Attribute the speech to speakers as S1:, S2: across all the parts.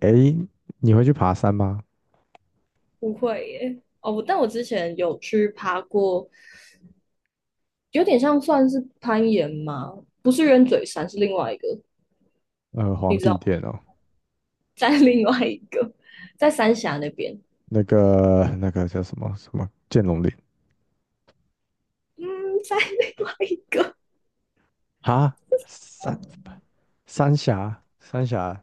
S1: 诶，你会去爬山吗？
S2: 不会耶。哦，但我之前有去爬过，有点像算是攀岩吗？不是鸢嘴山，是另外一个，
S1: 呃，皇
S2: 你知道
S1: 帝
S2: 吗？
S1: 殿哦，
S2: 在另外一个，在三峡那边，
S1: 那个那个叫什么剑龙岭
S2: 嗯，在另外一个
S1: 啊？
S2: 啊，
S1: 三三峡，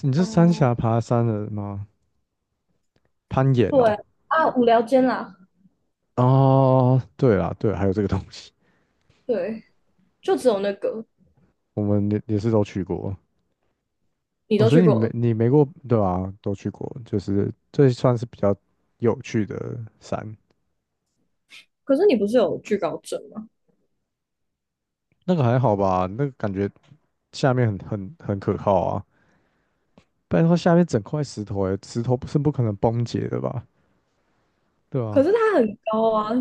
S1: 你是三峡 爬山的吗？攀岩哦。
S2: 对啊，无聊间啦，
S1: 哦，对啦，对，还有这个东西，
S2: 对，就只有那个
S1: 我们也是都去过。
S2: 你
S1: 哦，
S2: 都
S1: 所以
S2: 去
S1: 你
S2: 过
S1: 没
S2: 了，
S1: 你没过对吧？都去过，就是这算是比较有趣的山。
S2: 可是你不是有惧高症吗？
S1: 那个还好吧？那个感觉下面很可靠啊。不然的话下面整块石头、欸，石头不是不可能崩解的吧？对
S2: 可
S1: 啊。
S2: 是它很高啊，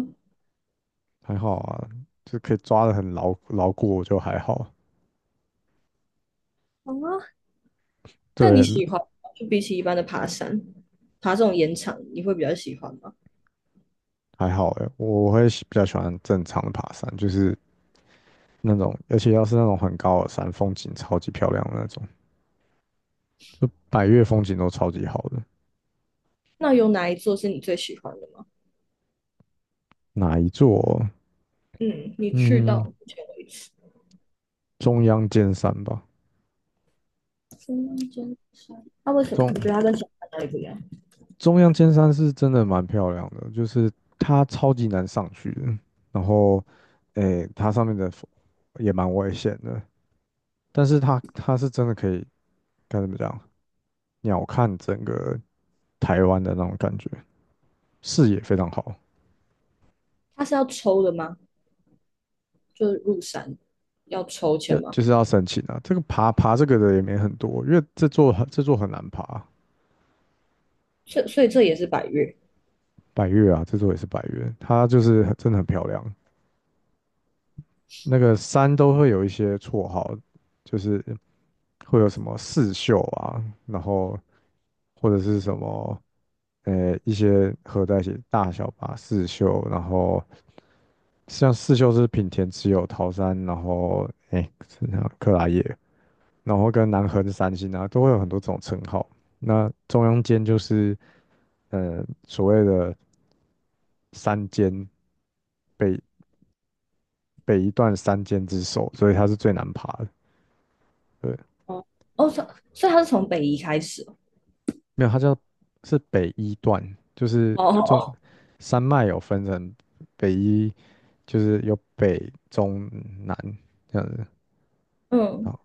S1: 还好啊，就可以抓得很牢固，我就还好。
S2: 啊，但你
S1: 对。
S2: 喜欢吗就比起一般的爬山，爬这种岩场，你会比较喜欢吗？
S1: 还好哎、欸,我比较喜欢正常的爬山，就是那种，而且要是那种很高的山，风景超级漂亮的那种，就百岳风景都超级好的。
S2: 那有哪一座是你最喜欢的吗？
S1: 哪一座？
S2: 嗯，你去到
S1: 嗯，
S2: 目前为止，
S1: 中央尖山吧。
S2: 中间山，那、啊为什么你
S1: 中
S2: 觉得它跟小山哪里不一样？
S1: 中央尖山是真的蛮漂亮的，就是它超级难上去的，然后，诶，它上面的风也蛮危险的，但是它是真的可以该怎么讲，鸟瞰整个台湾的那种感觉，视野非常好。
S2: 它是要抽的吗？就是入山要抽签
S1: 要
S2: 吗？
S1: 就是要申请啊，这个爬这个的也没很多，因为这座很难爬。
S2: 所以这也是百越
S1: 百越啊，这座也是百越，它就是很真的很漂亮。那个山都会有一些绰号，就是。会有什么四秀啊，然后或者是什么一些合在一起大小吧四秀，然后像四秀是品田只有桃山，然后哎是那个克拉叶，然后跟南河的三星啊都会有很多这种称号。那中央间就是所谓的山间北北一段山间之首，所以它是最难爬的。对。
S2: 哦哦，所以它是从北移开始哦
S1: 没有它叫是北一段，就是
S2: 哦
S1: 中
S2: 哦，
S1: 山脉有分成北一就是有北中南这样子，然
S2: 嗯，
S1: 后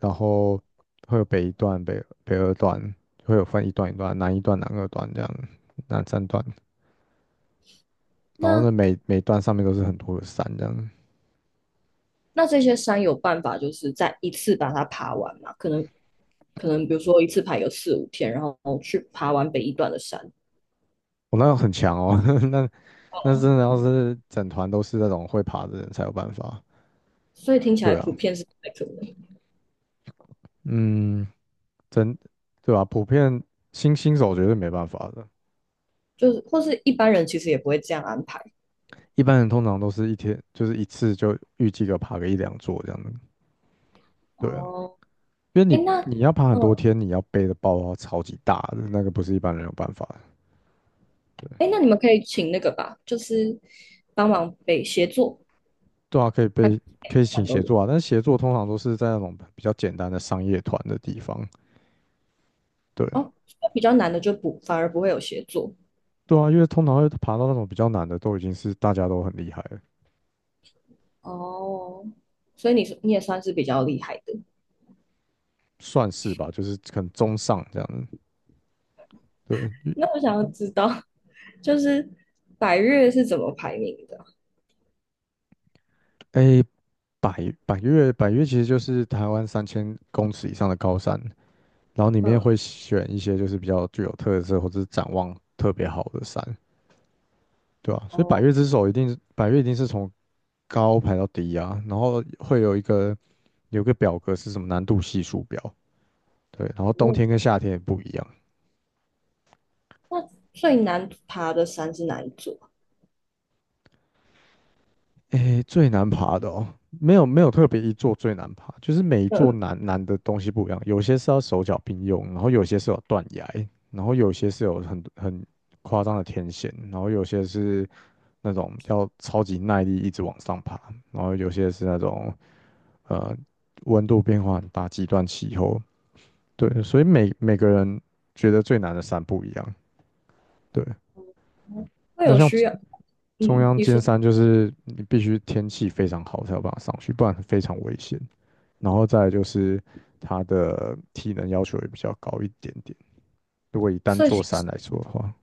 S1: 然后会有北一段、北二段，会有分一段一段，南一段、南二段这样，南三段，然
S2: 那
S1: 后呢每段上面都是很多的山这样。
S2: 那这些山有办法就是在一次把它爬完吗？可能比如说一次爬有4、5天，然后去爬完北一段的山，
S1: 我、哦那个很强哦，那那真的要是整团都是那种会爬的人才有办法。
S2: 所以听起来
S1: 对
S2: 普
S1: 啊。
S2: 遍是不太可能，
S1: 嗯。真对吧、普遍新手绝对没办法的。
S2: 就是或是一般人其实也不会这样安排
S1: 一般人通常都是一天就是一次就预计个爬个一两座这样子。对啊。
S2: 哦。
S1: 因为
S2: 哎，
S1: 你
S2: 那，
S1: 你要爬很多
S2: 嗯，
S1: 天，你要背的包包超级大的，那个不是一般人有办法的。对。
S2: 哎，那你们可以请那个吧，就是帮忙背协作，
S1: 对啊，可以
S2: 那
S1: 背。
S2: 每
S1: 可以
S2: 个
S1: 请
S2: 山都
S1: 协
S2: 有
S1: 作啊，但是协作通常都是在那种比较简单的商业团的地方。对。
S2: 哦。所以比较难的就不反而不会有协作
S1: 对啊，因为通常会爬到那种比较难的，都已经是大家都很厉害了。
S2: 哦，所以你是你也算是比较厉害的。
S1: 算是吧，就是可能中上这样子。对。因
S2: 那我想要知道，就是百越是怎么排名的？
S1: 诶，百越其实就是台湾3000公尺以上的高山，然后里面
S2: 嗯，
S1: 会选一些就是比较具有特色或者是展望特别好的山。对啊，所以百
S2: 哦，
S1: 越之首一定是百越一定是从高排到低啊，然后会有一个有一个表格是什么难度系数表。对，然后冬
S2: 嗯
S1: 天跟夏天也不一样。
S2: 那最难爬的山是哪一座啊？
S1: 诶，最难爬的哦，没有特别一座最难爬，就是每一座
S2: 嗯，
S1: 难的东西不一样，有些是要手脚并用，然后有些是有断崖，然后有些是有很夸张的天险，然后有些是那种要超级耐力一直往上爬，然后有些是那种呃温度变化很大，极端气候。对，所以每个人觉得最难的山不一样。对。
S2: 会
S1: 那
S2: 有
S1: 像
S2: 需要，
S1: 中
S2: 嗯，
S1: 央
S2: 你
S1: 尖
S2: 说，
S1: 山，就是你必须天气非常好才有办法上去，不然非常危险。然后再来就是它的体能要求也比较高一点点，如果以单
S2: 所以
S1: 座山
S2: 新
S1: 来说的话。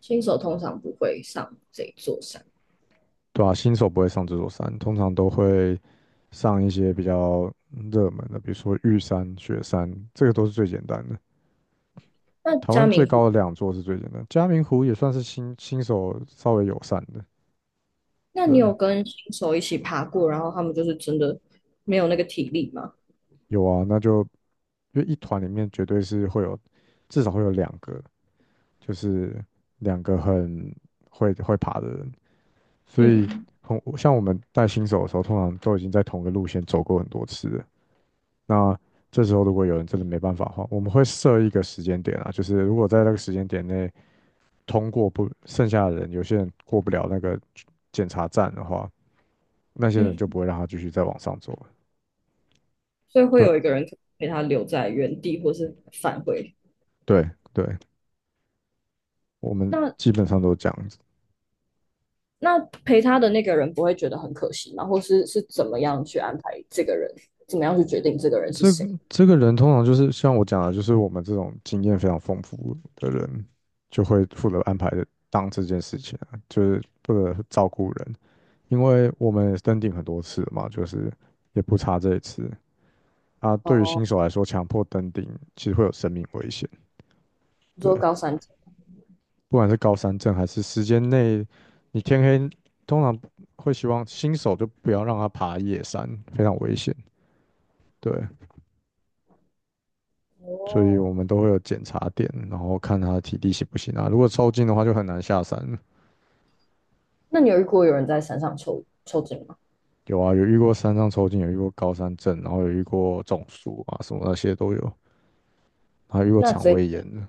S2: 新手通常不会上这一座山。
S1: 对啊，新手不会上这座山，通常都会上一些比较热门的，比如说玉山、雪山，这个都是最简单的。
S2: 那
S1: 台
S2: 嘉
S1: 湾最
S2: 明
S1: 高的两座是最简单，嘉明湖也算是新手稍微友善的。
S2: 那你
S1: 对。
S2: 有跟新手一起爬过，然后他们就是真的没有那个体力吗？
S1: 有啊，那就因为一团里面绝对是会有，至少会有两个，就是两个很会爬的人，所以
S2: 嗯
S1: 很像我们带新手的时候，通常都已经在同一个路线走过很多次了。那这时候如果有人真的没办法的话，我们会设一个时间点啊，就是如果在那个时间点内通过不，剩下的人有些人过不了那个检查站的话，那些人就
S2: 嗯，
S1: 不会让他继续再往上走了。
S2: 所以会
S1: 对
S2: 有一个人陪他留在原地，或是返回。
S1: 对对我们基
S2: 那
S1: 本上都这样子。
S2: 那陪他的那个人不会觉得很可惜吗？或是是怎么样去安排这个人？怎么样去决定这个人是
S1: 这
S2: 谁？
S1: 这个人通常就是像我讲的，就是我们这种经验非常丰富的人，就会负责安排当这件事情啊就是负责照顾人，因为我们也登顶很多次了嘛，就是也不差这一次啊。对于
S2: 哦，
S1: 新手来说，强迫登顶其实会有生命危险。
S2: 你
S1: 对，
S2: 说高山症
S1: 不管是高山症还是时间内，你天黑，通常会希望新手就不要让他爬夜山，非常危险。对。所以我
S2: 哦，
S1: 们都会有检查点，然后看他的体力行不行啊。如果抽筋的话，就很难下山。
S2: 那你有遇过有人在山上抽筋吗？
S1: 有啊，有遇过山上抽筋，有遇过高山症，然后有遇过中暑啊，什么那些都有，还遇过
S2: 那
S1: 肠
S2: 这
S1: 胃炎的。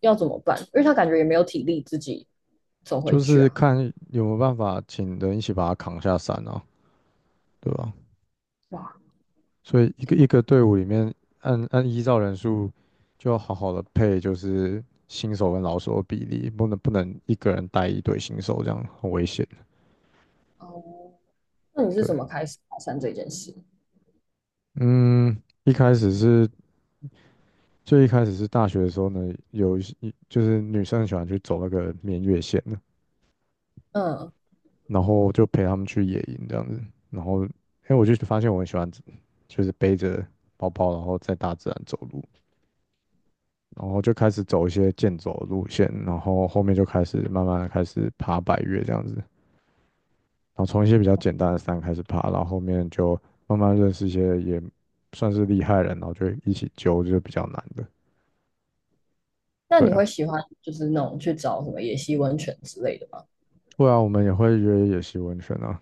S2: 要怎么办？因为他感觉也没有体力自己走回
S1: 就
S2: 去
S1: 是
S2: 啊。
S1: 看有没有办法请人一起把他扛下山啊，对吧？
S2: 哇，
S1: 所以一个一个队伍里面，按依照人数，就要好好的配，就是新手跟老手的比例，不能一个人带一队新手，这样很危险。
S2: 哦，那你是
S1: 对。
S2: 怎么开始爬山这件事？
S1: 嗯。一开始是最一开始是大学的时候呢，有一些就是女生很喜欢去走那个绵月线的，
S2: 嗯，
S1: 然后就陪他们去野营这样子。然后，哎，我就发现我很喜欢，就是背着包包，然后在大自然走路，然后就开始走一些健走的路线，然后后面就开始慢慢地开始爬百越这样子。然后从一些比较简单的山开始爬，然后后面就慢慢认识一些也算是厉害人，然后就一起揪，就是比较难的。
S2: 那
S1: 对
S2: 你
S1: 啊。
S2: 会喜欢就是那种去找什么野溪温泉之类的吗？
S1: 对啊，我们也会约野溪温泉啊。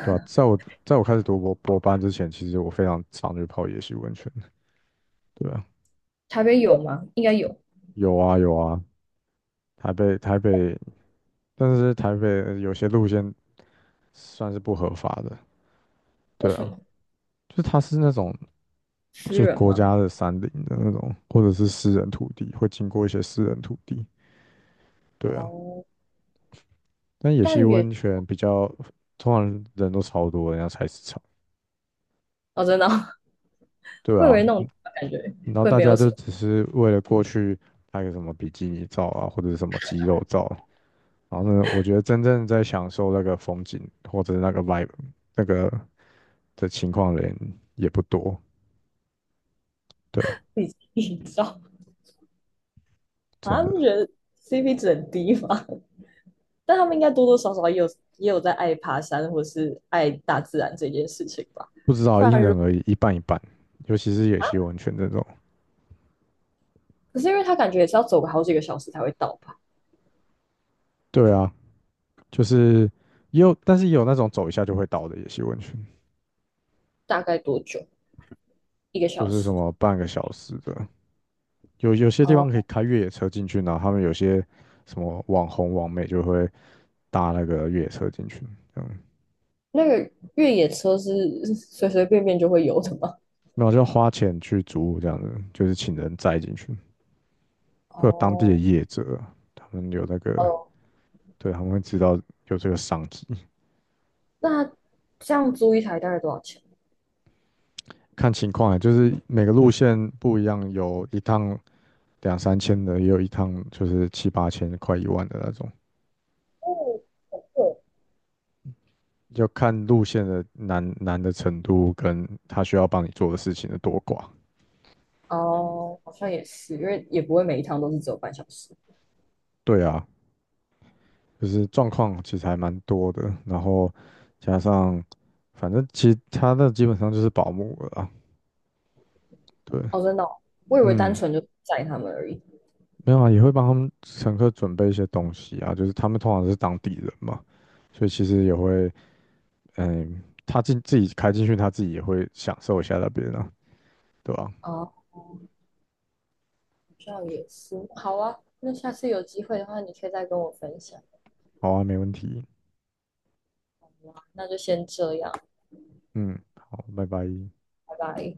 S1: 对啊，在我开始读博班之前，其实我非常常去泡野溪温泉。对啊。
S2: 台北有吗？应该有，
S1: 有啊有啊，台北，但是台北有些路线算是不合法的。
S2: 为
S1: 对
S2: 什
S1: 啊。
S2: 么？
S1: 就是它是那种
S2: 私
S1: 就
S2: 人
S1: 国
S2: 吗？
S1: 家的山林的那种，或者是私人土地，会经过一些私人土地。对啊。
S2: 哦，
S1: 但野溪
S2: 但也
S1: 温泉比较，通常人都超多，人家菜市场。
S2: 哦，真的哦，
S1: 对
S2: 我以
S1: 啊，
S2: 为那种感觉
S1: 然后
S2: 会
S1: 大
S2: 没有
S1: 家
S2: 什
S1: 就
S2: 么
S1: 只是为了过去拍个什么比基尼照啊，或者是什么肌肉照，然后呢，我觉得真正在享受那个风景或者是那个 vibe 那个的情况的人也不多。对啊。
S2: 自己营造，
S1: 真
S2: 啊，不觉
S1: 的。
S2: 得 CP 值很低吗？但他们应该多多少少也有也有在爱爬山或是爱大自然这件事情吧。
S1: 不知道
S2: 不
S1: 因
S2: 然如
S1: 人而异，一半一半。尤其是野溪温泉这种。
S2: 可是因为他感觉也是要走个好几个小时才会到吧？
S1: 对啊，就是也有，但是也有那种走一下就会倒的野溪温泉，
S2: 大概多久？一个
S1: 就
S2: 小
S1: 是什
S2: 时？
S1: 么半个小时的。有些地方可
S2: 哦。
S1: 以开越野车进去，然后他们有些什么网红网美就会搭那个越野车进去，这样。
S2: 那个越野车是 随随便便就会有的吗？
S1: 那我就花钱去租这样子，就是请人载进去。会有当地的
S2: 哦，
S1: 业者，他们有那个。
S2: 哦，
S1: 对，他们会知道有这个商机。
S2: 那这样租一台大概多少钱？
S1: 看情况啊，就是每个路线不一样，有一趟2、3千的，也有一趟就是7、8千、快1万的那种。
S2: 哦，很贵。
S1: 要看路线的难的程度跟他需要帮你做的事情的多寡。
S2: 哦，好像也是，因为也不会每一趟都是只有半小时。
S1: 对啊，就是状况其实还蛮多的，然后加上反正其他的基本上就是保姆了啊。对。
S2: 哦，真的哦我以为单
S1: 嗯。
S2: 纯就载他们而已。
S1: 没有啊，也会帮他们乘客准备一些东西啊，就是他们通常是当地人嘛，所以其实也会，嗯，他进自己开进去，他自己也会享受一下那边啊，对吧？
S2: 哦，好像也是。好啊，那下次有机会的话，你可以再跟我分享。
S1: 好啊，没问题。
S2: 那就先这样，
S1: 嗯，好，拜拜。
S2: 拜拜。